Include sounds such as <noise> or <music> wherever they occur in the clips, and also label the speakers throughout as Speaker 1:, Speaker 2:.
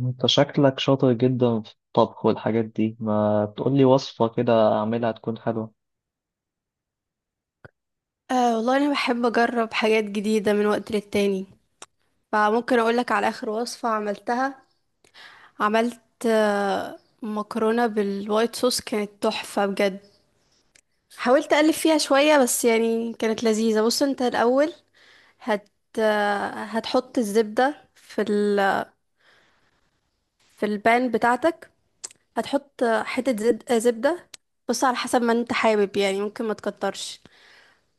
Speaker 1: انت شكلك شاطر جدا في الطبخ والحاجات دي، ما تقولي وصفة كده اعملها تكون حلوة.
Speaker 2: والله انا بحب اجرب حاجات جديده من وقت للتاني. فممكن اقولك على اخر وصفه عملتها. عملت مكرونه بالوايت صوص كانت تحفه بجد. حاولت اقلب فيها شويه بس يعني كانت لذيذه. بص انت الاول هت هتحط الزبده في البان بتاعتك. هتحط آه، حته زب... آه، زبده. بص على حسب ما انت حابب، يعني ممكن ما تكترش.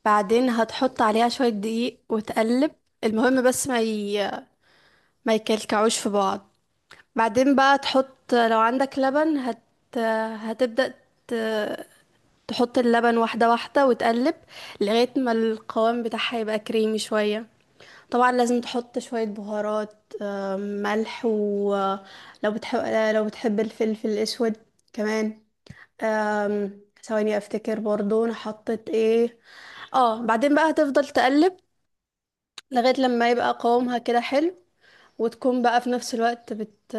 Speaker 2: بعدين هتحط عليها شويه دقيق وتقلب. المهم بس ما يكلكعوش في بعض. بعدين بقى تحط لو عندك لبن هتبدأ ت... تحط اللبن واحدة واحدة وتقلب، لغاية ما القوام بتاعها يبقى كريمي شوية. طبعا لازم تحط شوية بهارات، ملح، ولو بتحب، لو بتحب الفلفل الأسود كمان. ثواني افتكر برضو انا حطيت ايه. اه، بعدين بقى هتفضل تقلب لغاية لما يبقى قوامها كده حلو. وتكون بقى في نفس الوقت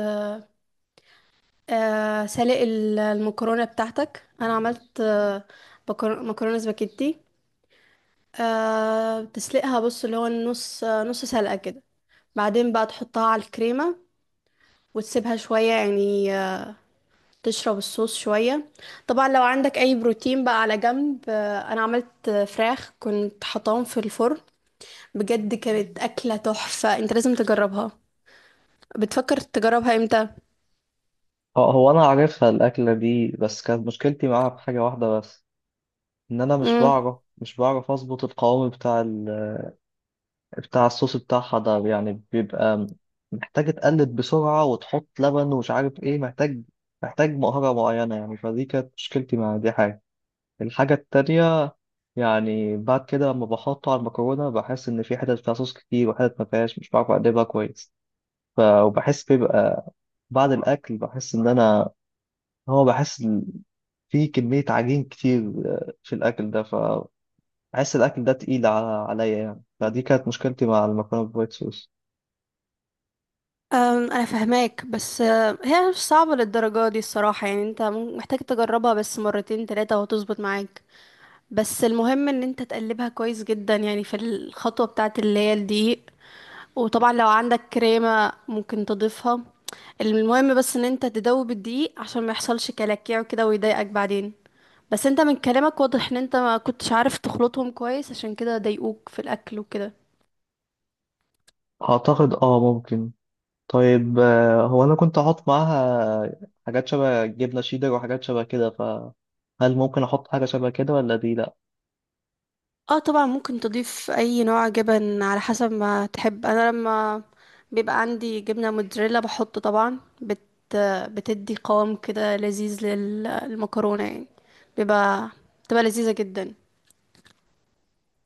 Speaker 2: المكرونة بتاعتك، انا عملت مكرونة سباكيتي. تسلقها، بص، اللي هو النص، نص سلقة كده. بعدين بقى تحطها على الكريمة، وتسيبها شوية، يعني تشرب الصوص شوية. طبعا لو عندك اي بروتين بقى على جنب، انا عملت فراخ كنت حطاهم في الفرن. بجد كانت أكلة تحفة، انت لازم تجربها. بتفكر تجربها امتى؟
Speaker 1: اه هو انا عارفها الاكلة دي، بس كانت مشكلتي معاها في حاجة واحدة بس. ان انا مش
Speaker 2: مم.
Speaker 1: بعرف مش بعرف اظبط القوام بتاع بتاع الصوص بتاعها ده، يعني بيبقى محتاج تقلب بسرعة وتحط لبن ومش عارف ايه، محتاج مهارة معينة يعني، فدي كانت مشكلتي مع دي حاجة. الحاجة التانية يعني بعد كده لما بحطه على المكرونة، بحس إن في حتت فيها صوص كتير وحتت ما فيهاش، مش بعرف أقلبها كويس. وبحس بيبقى بعد الأكل، بحس إن أنا، بحس إن في كمية عجين كتير في الأكل ده، فبحس الأكل ده تقيل على عليا يعني، فدي كانت مشكلتي مع المكرونة بالوايت صوص.
Speaker 2: انا فهماك، بس هي مش صعبة للدرجة دي الصراحة، يعني انت محتاج تجربها بس مرتين تلاتة وهتظبط معاك. بس المهم ان انت تقلبها كويس جدا يعني في الخطوة بتاعة اللي هي الدقيق. وطبعا لو عندك كريمة ممكن تضيفها. المهم بس ان انت تدوب الدقيق عشان ما يحصلش كلاكيع وكده ويضايقك بعدين. بس انت من كلامك واضح ان انت ما كنتش عارف تخلطهم كويس، عشان كده ضايقوك في الاكل وكده.
Speaker 1: أعتقد ممكن. طيب هو أنا كنت أحط معاها حاجات شبه جبنة شيدر وحاجات شبه كده، فهل ممكن أحط حاجة شبه كده ولا دي لأ؟
Speaker 2: اه، طبعا ممكن تضيف اي نوع جبن على حسب ما تحب. انا لما بيبقى عندي جبنة موتزاريلا بحط طبعا بتدي قوام كده لذيذ للمكرونة يعني، بيبقى بتبقى لذيذة جدا.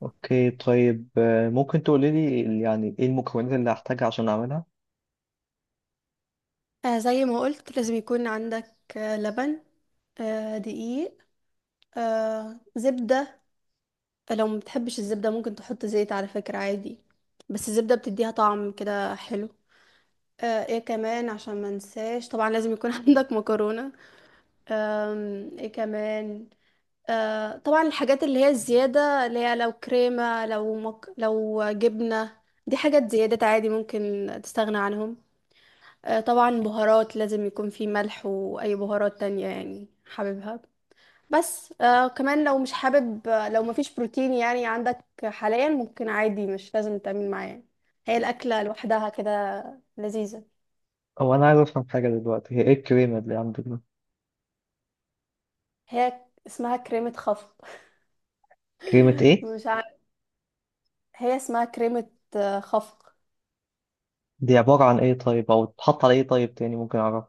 Speaker 1: اوكي، طيب ممكن تقولي لي يعني ايه المكونات اللي هحتاجها عشان اعملها؟
Speaker 2: زي ما قلت لازم يكون عندك لبن، دقيق، زبدة. لو ما بتحبش الزبدة ممكن تحط زيت على فكرة، عادي. بس الزبدة بتديها طعم كده حلو. ايه كمان عشان ما انساش، طبعا لازم يكون <laughs> عندك مكرونة. ايه كمان. أه، طبعا الحاجات اللي هي الزيادة، اللي هي لو كريمة، لو جبنة، دي حاجات زيادات عادي ممكن تستغنى عنهم. أه، طبعا بهارات لازم يكون في ملح وأي بهارات تانية يعني حاببها. بس كمان لو مش حابب، لو مفيش بروتين يعني عندك حاليا، ممكن عادي مش لازم تعمل معاه يعني. هي الأكلة لوحدها كده لذيذة.
Speaker 1: هو انا عايز افهم حاجه دلوقتي، هي ايه الكريمه اللي عندك دي؟
Speaker 2: هي اسمها كريمة خفق.
Speaker 1: كريمه
Speaker 2: <laughs>
Speaker 1: ايه؟
Speaker 2: مش عارف. هي اسمها كريمة خفق.
Speaker 1: دي عباره عن ايه طيب، او تحط على ايه طيب تاني ممكن اعرف؟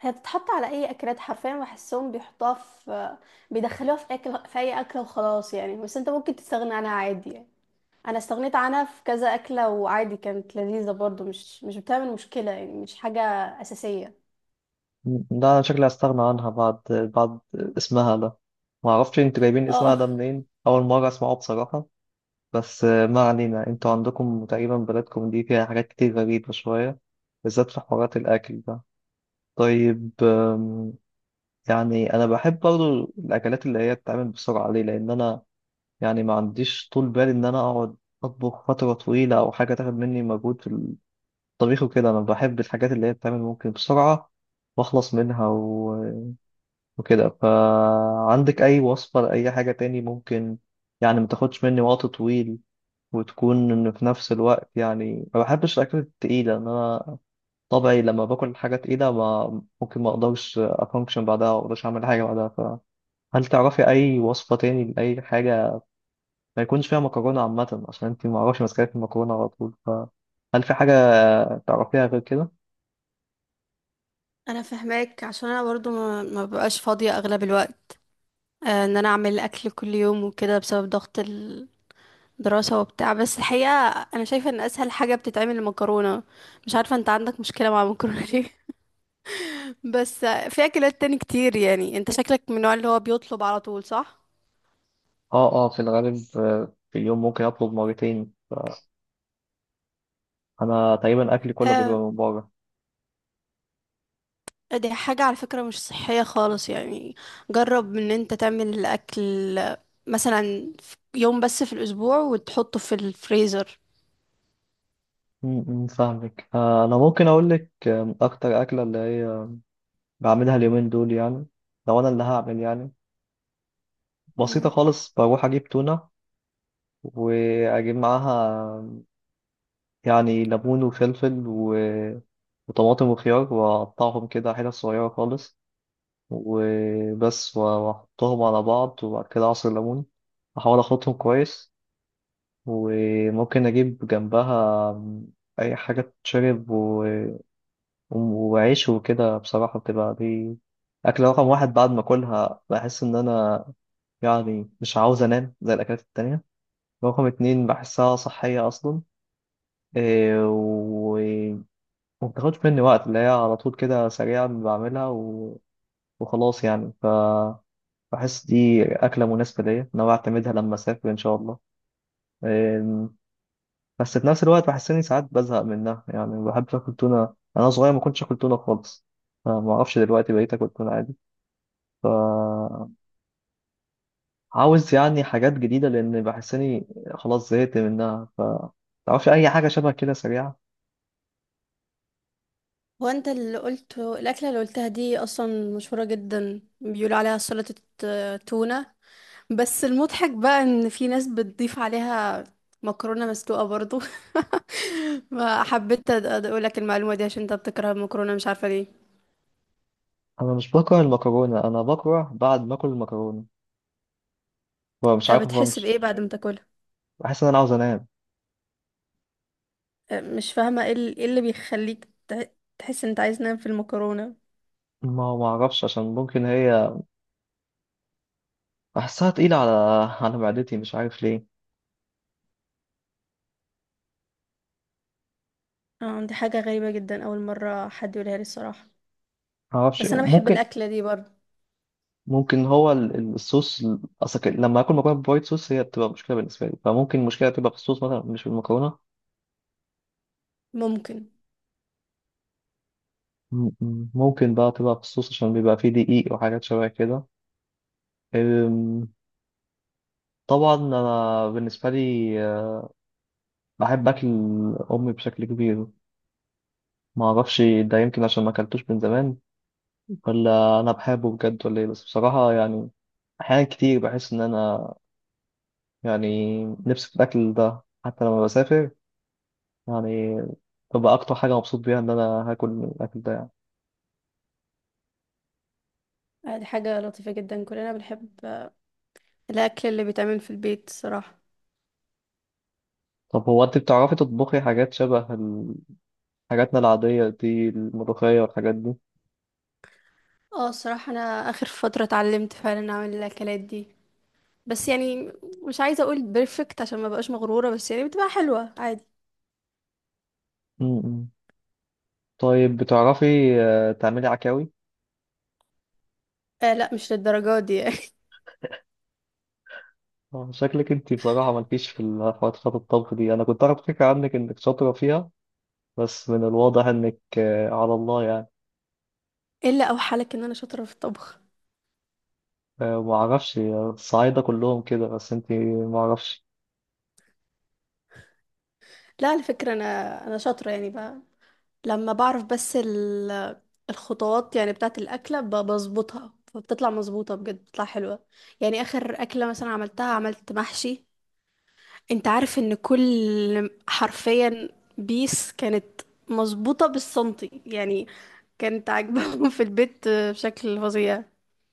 Speaker 2: هي بتتحط على اي اكلات حرفيا، بحسهم بيحطوها في بيدخلوها في اكل في اي اكله وخلاص يعني. بس انت ممكن تستغنى عنها عادي يعني. انا استغنيت عنها في كذا اكله وعادي كانت لذيذه برضو، مش بتعمل مشكله، يعني مش حاجه اساسيه.
Speaker 1: ده انا شكلي هستغنى عنها بعد اسمها ده. ما اعرفش انتوا جايبين اسمها
Speaker 2: اه،
Speaker 1: ده منين، اول مره اسمعه بصراحه. بس ما علينا، انتوا عندكم تقريبا بلدكم دي فيها حاجات كتير غريبه شويه، بالذات في حوارات الاكل ده. طيب، يعني انا بحب برضو الاكلات اللي هي بتتعمل بسرعه، ليه؟ لان انا يعني ما عنديش طول بال ان انا اقعد اطبخ فتره طويله، او حاجه تاخد مني مجهود في الطبيخ وكده. انا بحب الحاجات اللي هي بتتعمل ممكن بسرعه واخلص منها وكده. فعندك اي وصفه لاي حاجه تاني ممكن يعني ما تاخدش مني وقت طويل، وتكون إن في نفس الوقت، يعني ما بحبش الاكلات التقيله، ان انا طبعي لما باكل حاجه تقيله ما اقدرش افانكشن بعدها، ما اقدرش اعمل حاجه بعدها. هل تعرفي أي وصفة تاني لأي حاجة ما يكونش فيها مكرونة عامة؟ عشان أنت ما أعرفش ماسكة في المكرونة على طول، فهل في حاجة تعرفيها غير كده؟
Speaker 2: انا فاهماك عشان انا برضو ما ببقاش فاضيه اغلب الوقت، ان انا اعمل اكل كل يوم وكده، بسبب ضغط الدراسه وبتاع. بس الحقيقه انا شايفه ان اسهل حاجه بتتعمل المكرونه. مش عارفه انت عندك مشكله مع المكرونه ليه. بس في اكلات تاني كتير، يعني انت شكلك من النوع اللي هو بيطلب على طول، صح؟
Speaker 1: آه آه، في الغالب في اليوم ممكن أطلب مرتين، أنا تقريبا أكلي كله بيبقى
Speaker 2: آه،
Speaker 1: من بره.
Speaker 2: دي حاجة على فكرة مش صحية خالص يعني. جرب ان انت تعمل الاكل مثلا في يوم بس في الاسبوع وتحطه في الفريزر.
Speaker 1: م- م، فاهمك. أنا ممكن أقول لك، أكتر أكلة اللي هي بعملها اليومين دول يعني، لو أنا اللي هعمل يعني، بسيطة
Speaker 2: مم.
Speaker 1: خالص. بروح أجيب تونة وأجيب معاها يعني ليمون وفلفل وطماطم وخيار، وأقطعهم كده حتت صغيرة خالص وبس، وأحطهم على بعض، وبعد كده عصير ليمون أحاول أخلطهم كويس. وممكن أجيب جنبها أي حاجة تتشرب، وعيش وكده. بصراحة بتبقى دي أكلة رقم واحد، بعد ما أكلها بحس إن أنا يعني مش عاوز أنام زي الأكلات التانية. رقم اتنين، بحسها صحية أصلا. إيه، و ومبتاخدش مني وقت، اللي هي على طول كده سريعة بعملها وخلاص يعني. فبحس دي أكلة مناسبة ليا إن أنا أعتمدها لما أسافر إن شاء الله. أم، بس في نفس الوقت بحس إني ساعات بزهق منها، يعني ما بحبش آكل تونة، أنا صغير ما كنتش آكل تونة خالص، فما أعرفش دلوقتي بقيت آكل تونة عادي. فعاوز يعني حاجات جديدة، لأن بحس إني خلاص زهقت منها. فتعرفش أي حاجة شبه كده سريعة؟
Speaker 2: هو انت اللي قلته الاكلة اللي قلتها دي اصلا مشهورة جدا، بيقولوا عليها سلطة تونة. بس المضحك بقى ان في ناس بتضيف عليها مكرونة مسلوقة برضو. <laughs> ما حبيت اقول لك المعلومة دي عشان انت بتكره المكرونة، مش عارفة ليه.
Speaker 1: أنا مش بكره المكرونة، أنا بكره بعد ما آكل المكرونة فمش عارف
Speaker 2: بتحس
Speaker 1: أفنكش.
Speaker 2: بإيه بعد ما تاكلها؟
Speaker 1: بحس إن أنا عاوز أنام.
Speaker 2: مش فاهمة ايه إيه اللي بيخليك تحس ان انت عايز تنام في المكرونة.
Speaker 1: ما أعرفش، عشان ممكن هي بحسها تقيلة على على معدتي، مش عارف ليه.
Speaker 2: اه، دي حاجة غريبة جدا، اول مرة حد يقولها لي الصراحة.
Speaker 1: معرفش،
Speaker 2: بس انا بحب
Speaker 1: ممكن.
Speaker 2: الأكلة دي برضو.
Speaker 1: ممكن هو الصوص أصل لما آكل مكرونة بوايت صوص هي بتبقى مشكلة بالنسبة لي، فممكن المشكلة تبقى في الصوص مثلا، مش في المكرونة.
Speaker 2: ممكن.
Speaker 1: ممكن بقى تبقى في الصوص، عشان بيبقى فيه دقيق وحاجات شبه كده. أم، طبعا أنا بالنسبة لي، بحب أكل أمي بشكل كبير. معرفش ده يمكن عشان ما أكلتوش من زمان، ولا أنا بحبه بجد ولا إيه. بس بصراحة يعني أحيانا كتير بحس إن أنا يعني نفسي في الأكل ده حتى لما بسافر، يعني ببقى أكتر حاجة مبسوط بيها إن أنا هاكل الأكل ده يعني.
Speaker 2: دي حاجة لطيفة جدا. كلنا بنحب الأكل اللي بيتعمل في البيت الصراحة.
Speaker 1: طب هو أنت بتعرفي تطبخي حاجات شبه حاجاتنا العادية دي، الملوخية والحاجات دي؟
Speaker 2: اه، الصراحة انا اخر فترة اتعلمت فعلا اعمل الاكلات دي، بس يعني مش عايزة اقول بيرفكت عشان ما بقاش مغرورة، بس يعني بتبقى حلوة عادي.
Speaker 1: م-م. طيب بتعرفي تعملي عكاوي؟
Speaker 2: لا، مش للدرجات دي يعني.
Speaker 1: شكلك أنت بصراحة مالكيش في الحوارات بتاعت الطبخ دي، أنا كنت أعرف فكرة عنك إنك شاطرة فيها، بس من الواضح إنك على الله يعني.
Speaker 2: <laughs> الا اوحالك ان انا شاطرة في الطبخ؟
Speaker 1: معرفش الصعايدة كلهم كده، بس أنت معرفش.
Speaker 2: لا على فكرة انا، انا شاطرة يعني بقى، لما بعرف بس الخطوات يعني بتاعة الأكلة بظبطها، فبتطلع مظبوطة بجد، بتطلع حلوة يعني. آخر أكلة مثلا عملتها، عملت محشي، انت عارف ان كل حرفيا بيس كانت مظبوطة بالسنتي يعني، كانت عاجباهم في البيت بشكل فظيع.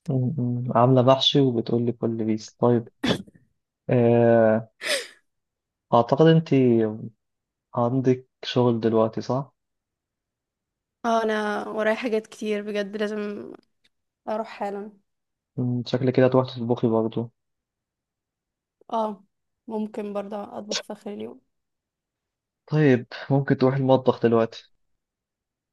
Speaker 1: م- م. عاملة بحثي وبتقولي كل بيس. طيب آه، أعتقد أنت عندك شغل دلوقتي صح؟
Speaker 2: اه، انا ورايا حاجات كتير بجد، لازم اروح حالا.
Speaker 1: م، شكلك كده هتروحي تطبخي برضه.
Speaker 2: اه، ممكن برضه اطبخ في اخر اليوم.
Speaker 1: طيب، ممكن تروحي المطبخ دلوقتي.